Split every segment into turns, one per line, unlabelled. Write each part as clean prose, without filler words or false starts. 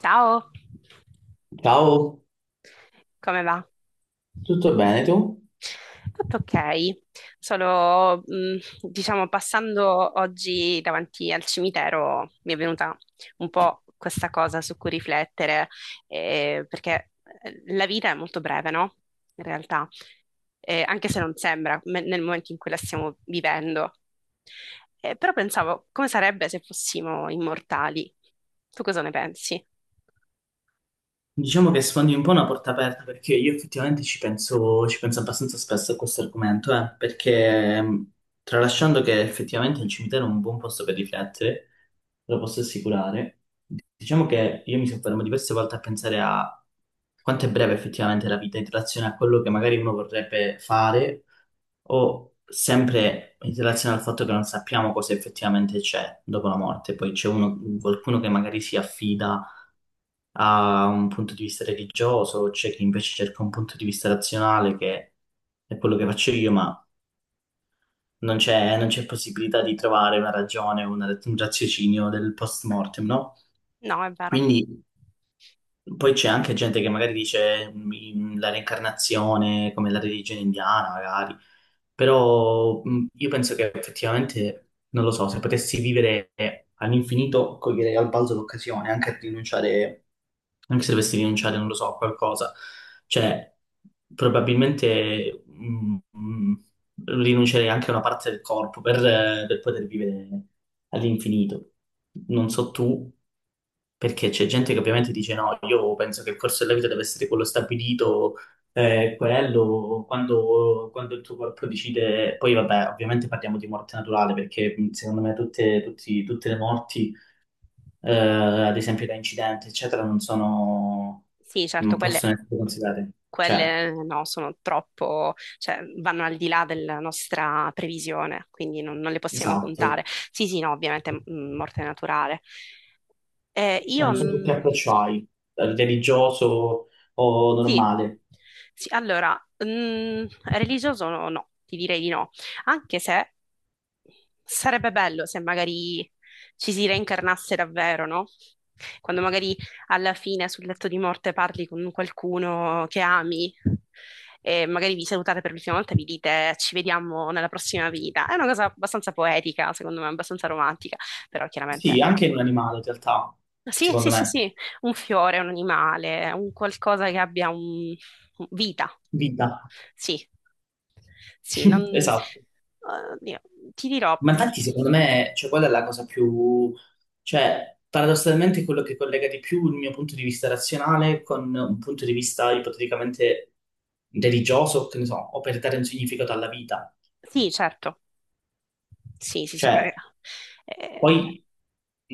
Ciao,
Ciao,
come va?
tutto bene tu?
Tutto ok, solo diciamo passando oggi davanti al cimitero mi è venuta un po' questa cosa su cui riflettere, perché la vita è molto breve, no? In realtà, anche se non sembra nel momento in cui la stiamo vivendo. Però pensavo, come sarebbe se fossimo immortali? Tu cosa ne pensi?
Diciamo che sfondi un po' una porta aperta perché io effettivamente ci penso abbastanza spesso a questo argomento, perché tralasciando che effettivamente il cimitero è un buon posto per riflettere, lo posso assicurare, diciamo che io mi soffermo diverse volte a pensare a quanto è breve effettivamente la vita in relazione a quello che magari uno vorrebbe fare o sempre in relazione al fatto che non sappiamo cosa effettivamente c'è dopo la morte. Poi qualcuno che magari si affida ha un punto di vista religioso, c'è chi invece cerca un punto di vista razionale, che è quello che faccio io, ma non c'è possibilità di trovare una ragione, un raziocinio del post mortem, no?
No, è vero.
Quindi. Poi c'è anche gente che magari dice la reincarnazione come la religione indiana, magari, però io penso che effettivamente, non lo so, se potessi vivere all'infinito, coglierei al balzo l'occasione, anche a rinunciare, anche se dovessi rinunciare, non lo so, a qualcosa. Cioè, probabilmente rinuncerei anche a una parte del corpo per poter vivere all'infinito. Non so tu, perché c'è gente che ovviamente dice no, io penso che il corso della vita deve essere quello stabilito, quello, quando, quando il tuo corpo decide... Poi vabbè, ovviamente parliamo di morte naturale, perché secondo me tutte le morti, eh, ad esempio da incidenti, eccetera, non sono...
Sì, certo,
non
quelle,
possono essere considerate. Cioè,
quelle no, sono troppo, cioè vanno al di là della nostra previsione, quindi non, non le possiamo
esatto.
contare. Sì, sì, no, ovviamente morte naturale.
Cioè,
Io
non so tu che approccio hai, religioso o
Sì,
normale.
sì, allora, religioso no, no, ti direi di no, anche se sarebbe bello se magari ci si reincarnasse davvero, no? Quando magari alla fine sul letto di morte parli con qualcuno che ami e magari vi salutate per l'ultima volta e vi dite ci vediamo nella prossima vita. È una cosa abbastanza poetica, secondo me, abbastanza romantica, però chiaramente...
Sì, anche in un animale in realtà,
Sì, sì,
secondo
sì,
me.
sì, un fiore, un animale, un qualcosa che abbia un vita.
Vita.
Sì, sì, non...
Esatto.
oddio, ti dirò,
Ma infatti secondo me, cioè, quella è la cosa più... Cioè, paradossalmente è quello che collega di più il mio punto di vista razionale con un punto di vista ipoteticamente religioso, che ne so, o per dare un significato alla vita.
sì, certo, sì, sì, sì,
Cioè,
beh, eh,
poi,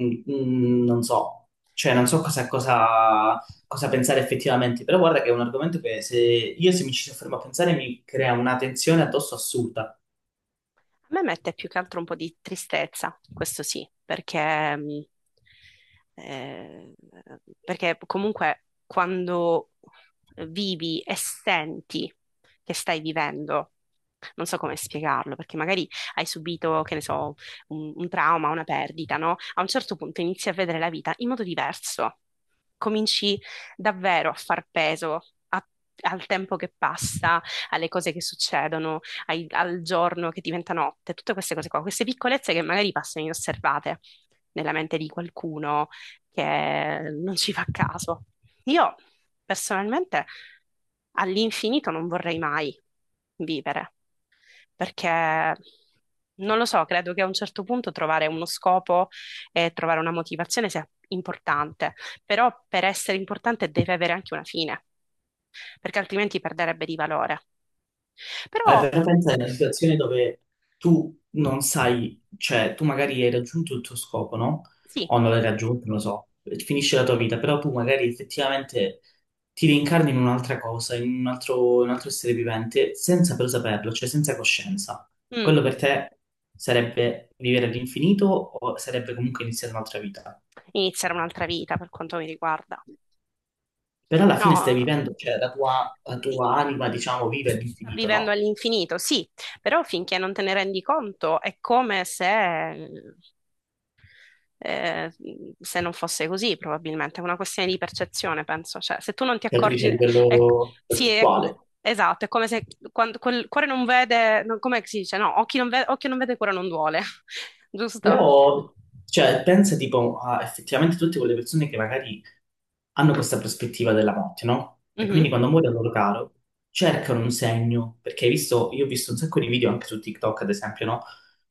non so, cioè, non so cosa, cosa, cosa pensare effettivamente, però guarda che è un argomento che se mi ci soffermo a pensare mi crea una tensione addosso assurda.
a me mette più che altro un po' di tristezza, questo sì, perché, eh, perché comunque quando vivi e senti che stai vivendo, non so come spiegarlo, perché magari hai subito, che ne so, un trauma, una perdita, no? A un certo punto inizi a vedere la vita in modo diverso, cominci davvero a far peso a- al tempo che passa, alle cose che succedono, al giorno che diventa notte, tutte queste cose qua, queste piccolezze che magari passano inosservate nella mente di qualcuno che non ci fa caso. Io personalmente all'infinito non vorrei mai vivere, perché non lo so, credo che a un certo punto trovare uno scopo e trovare una motivazione sia importante, però per essere importante deve avere anche una fine, perché altrimenti perderebbe di valore. Però
Però pensa a una situazione dove tu non sai, cioè tu magari hai raggiunto il tuo scopo, no?
sì,
O non l'hai raggiunto, non lo so, finisce la tua vita, però tu magari effettivamente ti reincarni in un'altra cosa, in un altro essere vivente, senza però saperlo, cioè senza coscienza.
mm,
Quello per te sarebbe vivere all'infinito o sarebbe comunque iniziare un'altra vita?
iniziare un'altra vita per quanto mi riguarda.
Però alla fine stai
No,
vivendo, cioè la tua anima, diciamo, vive
sta
all'infinito,
vivendo
no?
all'infinito, sì, però finché non te ne rendi conto è come se, eh, se non fosse così, probabilmente. È una questione di percezione, penso. Cioè, se tu non ti
Che tu dici
accorgi,
a
è-
livello
sì,
concettuale.
esatto, è come se quando quel cuore non vede, no, come si dice? No, occhio non vede, cuore non duole, giusto?
Però, cioè, pensa tipo a effettivamente tutte quelle persone che magari hanno questa prospettiva della morte, no? E
Mhm.
quindi quando muore un loro caro, cercano un segno, perché hai visto, io ho visto un sacco di video anche su TikTok, ad esempio, no?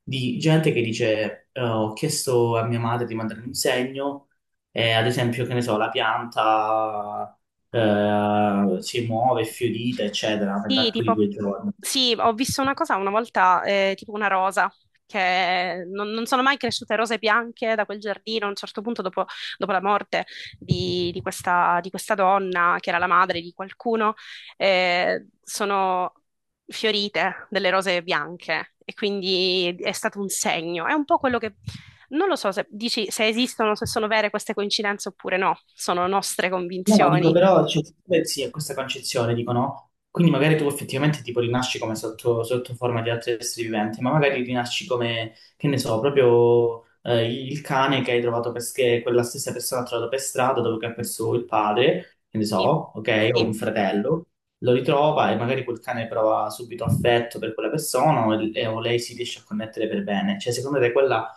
Di gente che dice, ho chiesto a mia madre di mandarmi un segno, e ad esempio, che ne so, la pianta, si muove, è fiorita, eccetera,
Sì,
nell'arco di
tipo,
2 giorni.
sì, ho visto una cosa una volta, tipo una rosa, che non sono mai cresciute rose bianche da quel giardino. A un certo punto, dopo, dopo la morte di questa donna, che era la madre di qualcuno, sono fiorite delle rose bianche e quindi è stato un segno. È un po' quello che... Non lo so se dici se esistono, se sono vere queste coincidenze oppure no, sono nostre
No, ma dico
convinzioni.
però, cioè, beh, sì, è questa concezione, dico no? Quindi magari tu effettivamente tipo rinasci come sotto forma di altri esseri viventi, ma magari rinasci come, che ne so, proprio il cane che che quella stessa persona ha trovato per strada dopo che ha perso il padre, che ne so,
Sì,
ok, o un
sì,
fratello, lo ritrova e magari quel cane prova subito affetto per quella persona o lei si riesce a connettere per bene. Cioè, secondo te quella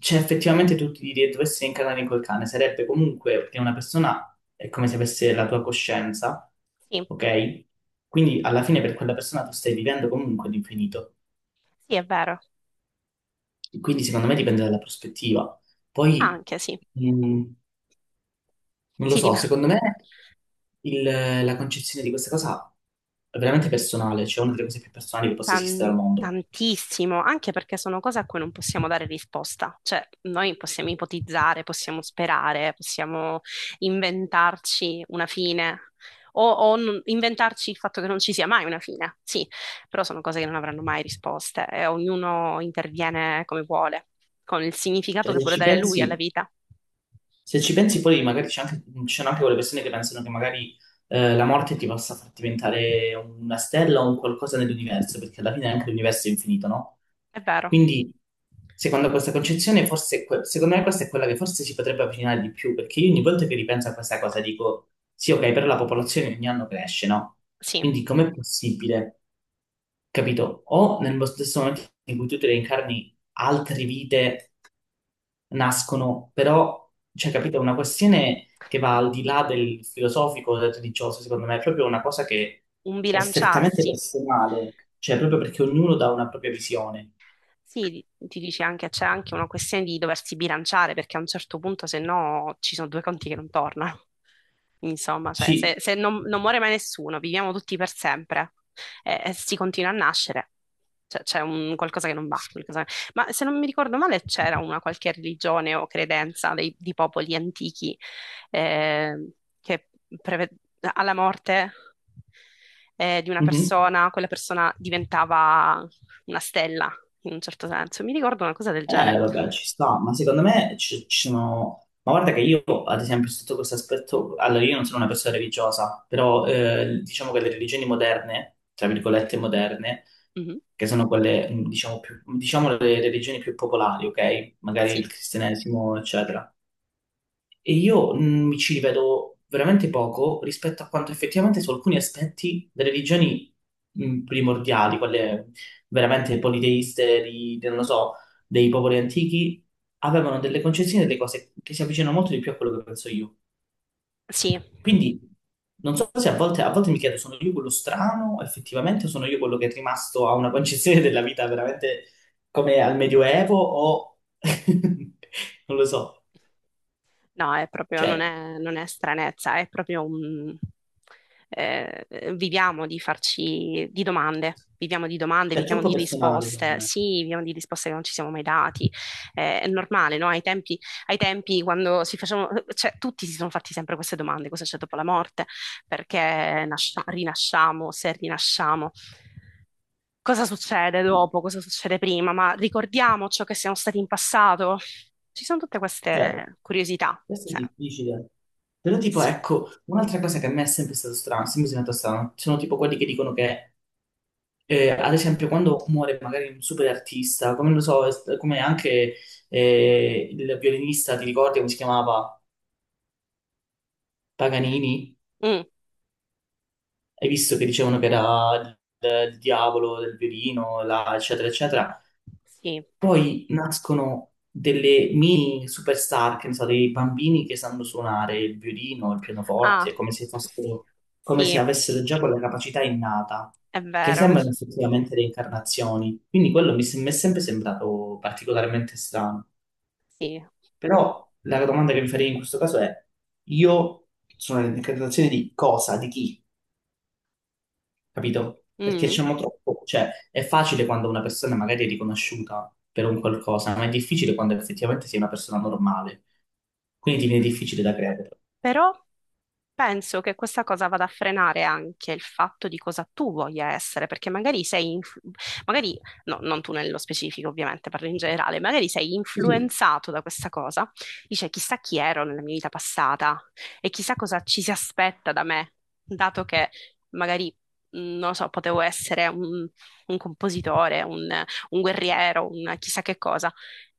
cioè, effettivamente dovessi incarnare in quel cane, sarebbe comunque perché una persona è come se avesse la tua coscienza,
sì.
ok? Quindi alla fine per quella persona tu stai vivendo comunque l'infinito.
Sì, è vero,
Quindi secondo me dipende dalla prospettiva. Poi,
anche sì,
mh, non lo
sì,
so,
dipende
secondo me il- la concezione di questa cosa è veramente personale, cioè una delle cose più personali che possa esistere al mondo.
tantissimo, anche perché sono cose a cui non possiamo dare risposta, cioè noi possiamo ipotizzare, possiamo sperare, possiamo inventarci una fine o, inventarci il fatto che non ci sia mai una fine, sì, però sono cose che non avranno mai risposte e ognuno interviene come vuole, con il significato
Cioè,
che
se
vuole
ci
dare lui alla
pensi...
vita.
Se ci pensi poi magari ci sono anche quelle persone che pensano che magari la morte ti possa far diventare una stella o un qualcosa nell'universo, perché alla fine anche l'universo è infinito, no?
È vero,
Quindi, secondo questa concezione, forse, secondo me questa è quella che forse si potrebbe avvicinare di più, perché io ogni volta che ripenso a questa cosa dico, sì, ok, però la popolazione ogni anno cresce, no?
sì,
Quindi com'è possibile, capito? O nello stesso momento in cui tu ti reincarni altre vite nascono, però, cioè, capito, è una questione che va al di là del filosofico, del religioso, secondo me, è proprio una cosa che
un
è strettamente
bilanciarsi.
personale, cioè proprio perché ognuno dà una propria visione.
Sì, ti dice anche, c'è anche una questione di doversi bilanciare, perché a un certo punto, se no, ci sono due conti che non tornano. Insomma, cioè, se,
Sì.
se non, non muore mai nessuno, viviamo tutti per sempre e si continua a nascere. Cioè, c'è un qualcosa che non va. Ma se non mi ricordo male, c'era una qualche religione o credenza di popoli antichi eh, che preve- alla morte di una
Mhm.
persona, quella persona diventava una stella, in un certo senso. Mi ricordo una cosa del genere.
Vabbè, ci sta, ma secondo me ci sono... Ma guarda che io, ad esempio, sotto questo aspetto, allora io non sono una persona religiosa, però diciamo che le religioni moderne, tra virgolette moderne,
Mhm.
che sono quelle, diciamo, più, diciamo le religioni più popolari, ok? Magari il
Sì,
cristianesimo, eccetera. E io mi ci rivedo veramente poco rispetto a quanto effettivamente su alcuni aspetti delle religioni primordiali, quelle veramente politeiste, non lo so, dei popoli antichi, avevano delle concezioni, delle cose che si avvicinano molto di più a quello che penso io.
sì.
Quindi non so se a volte mi chiedo, sono io quello strano, effettivamente, o sono io quello che è rimasto a una concezione della vita veramente come al Medioevo, o non lo so,
No, è proprio,
cioè,
non è, non è stranezza, è proprio un... eh, viviamo di farci di domande, viviamo di domande,
è
viviamo
troppo
di
personale, secondo
risposte,
me.
sì, viviamo di risposte che non ci siamo mai dati. È normale, no? Ai tempi quando si facevano, cioè tutti si sono fatti sempre queste domande, cosa c'è dopo la morte, perché rinasciamo, se rinasciamo. Cosa succede dopo? Cosa succede prima? Ma ricordiamo ciò che siamo stati in passato? Ci sono tutte
Cioè,
queste curiosità.
questo è
Sì.
difficile. Però tipo,
Sì.
ecco, un'altra cosa che a me è sempre stato strano, sempre sembrato strano, sono tipo quelli che dicono che, ad esempio, quando muore magari un super artista, come lo so, come anche il violinista, ti ricordi come si chiamava? Paganini?
Mm,
Hai visto che dicevano che era il diavolo del violino, eccetera, eccetera.
sì.
Poi nascono delle mini superstar, che ne so, dei bambini che sanno suonare il violino, il
Ah,
pianoforte, come se fossero, come
sì,
se
sì.
avessero già quella capacità innata,
È
che
vero.
sembrano effettivamente reincarnazioni. Quindi quello mi è sempre sembrato particolarmente strano.
Sì.
Però la domanda che mi farei in questo caso è, io sono reincarnazione di cosa, di chi? Capito? Perché
Mm.
diciamo troppo, cioè è facile quando una persona magari è riconosciuta per un qualcosa, ma è difficile quando effettivamente sei una persona normale, quindi ti viene difficile da credere.
Però penso che questa cosa vada a frenare anche il fatto di cosa tu voglia essere, perché magari sei, magari, no, non tu nello specifico, ovviamente, parlo in generale, magari sei
Sì, sì,
influenzato da questa cosa. Dice, chissà chi ero nella mia vita passata e chissà cosa ci si aspetta da me, dato che magari, non lo so, potevo essere un compositore, un guerriero, un chissà che cosa.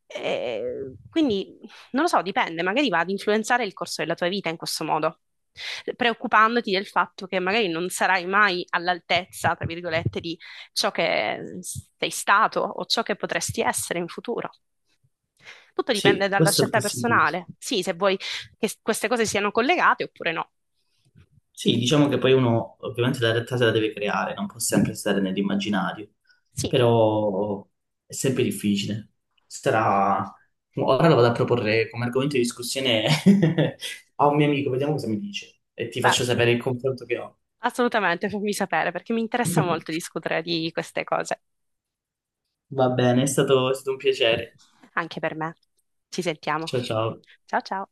E quindi non lo so, dipende, magari va ad influenzare il corso della tua vita in questo modo, preoccupandoti del fatto che magari non sarai mai all'altezza, tra virgolette, di ciò che sei stato o ciò che potresti essere in futuro. Tutto dipende
sì,
dalla
questo è
scelta
possibile.
personale. Sì, se vuoi che queste cose siano collegate oppure no.
Sì, diciamo che poi uno ovviamente la realtà se la deve creare, non può sempre stare nell'immaginario,
Sì,
però è sempre difficile. Sarà... Ora lo vado a proporre come argomento di discussione a un mio amico, vediamo cosa mi dice e ti
beh,
faccio sapere il confronto che ho.
assolutamente, fammi sapere perché mi interessa molto discutere di queste cose.
Va bene, è stato un piacere.
Anche per me. Ci sentiamo.
Ciao ciao.
Ciao ciao.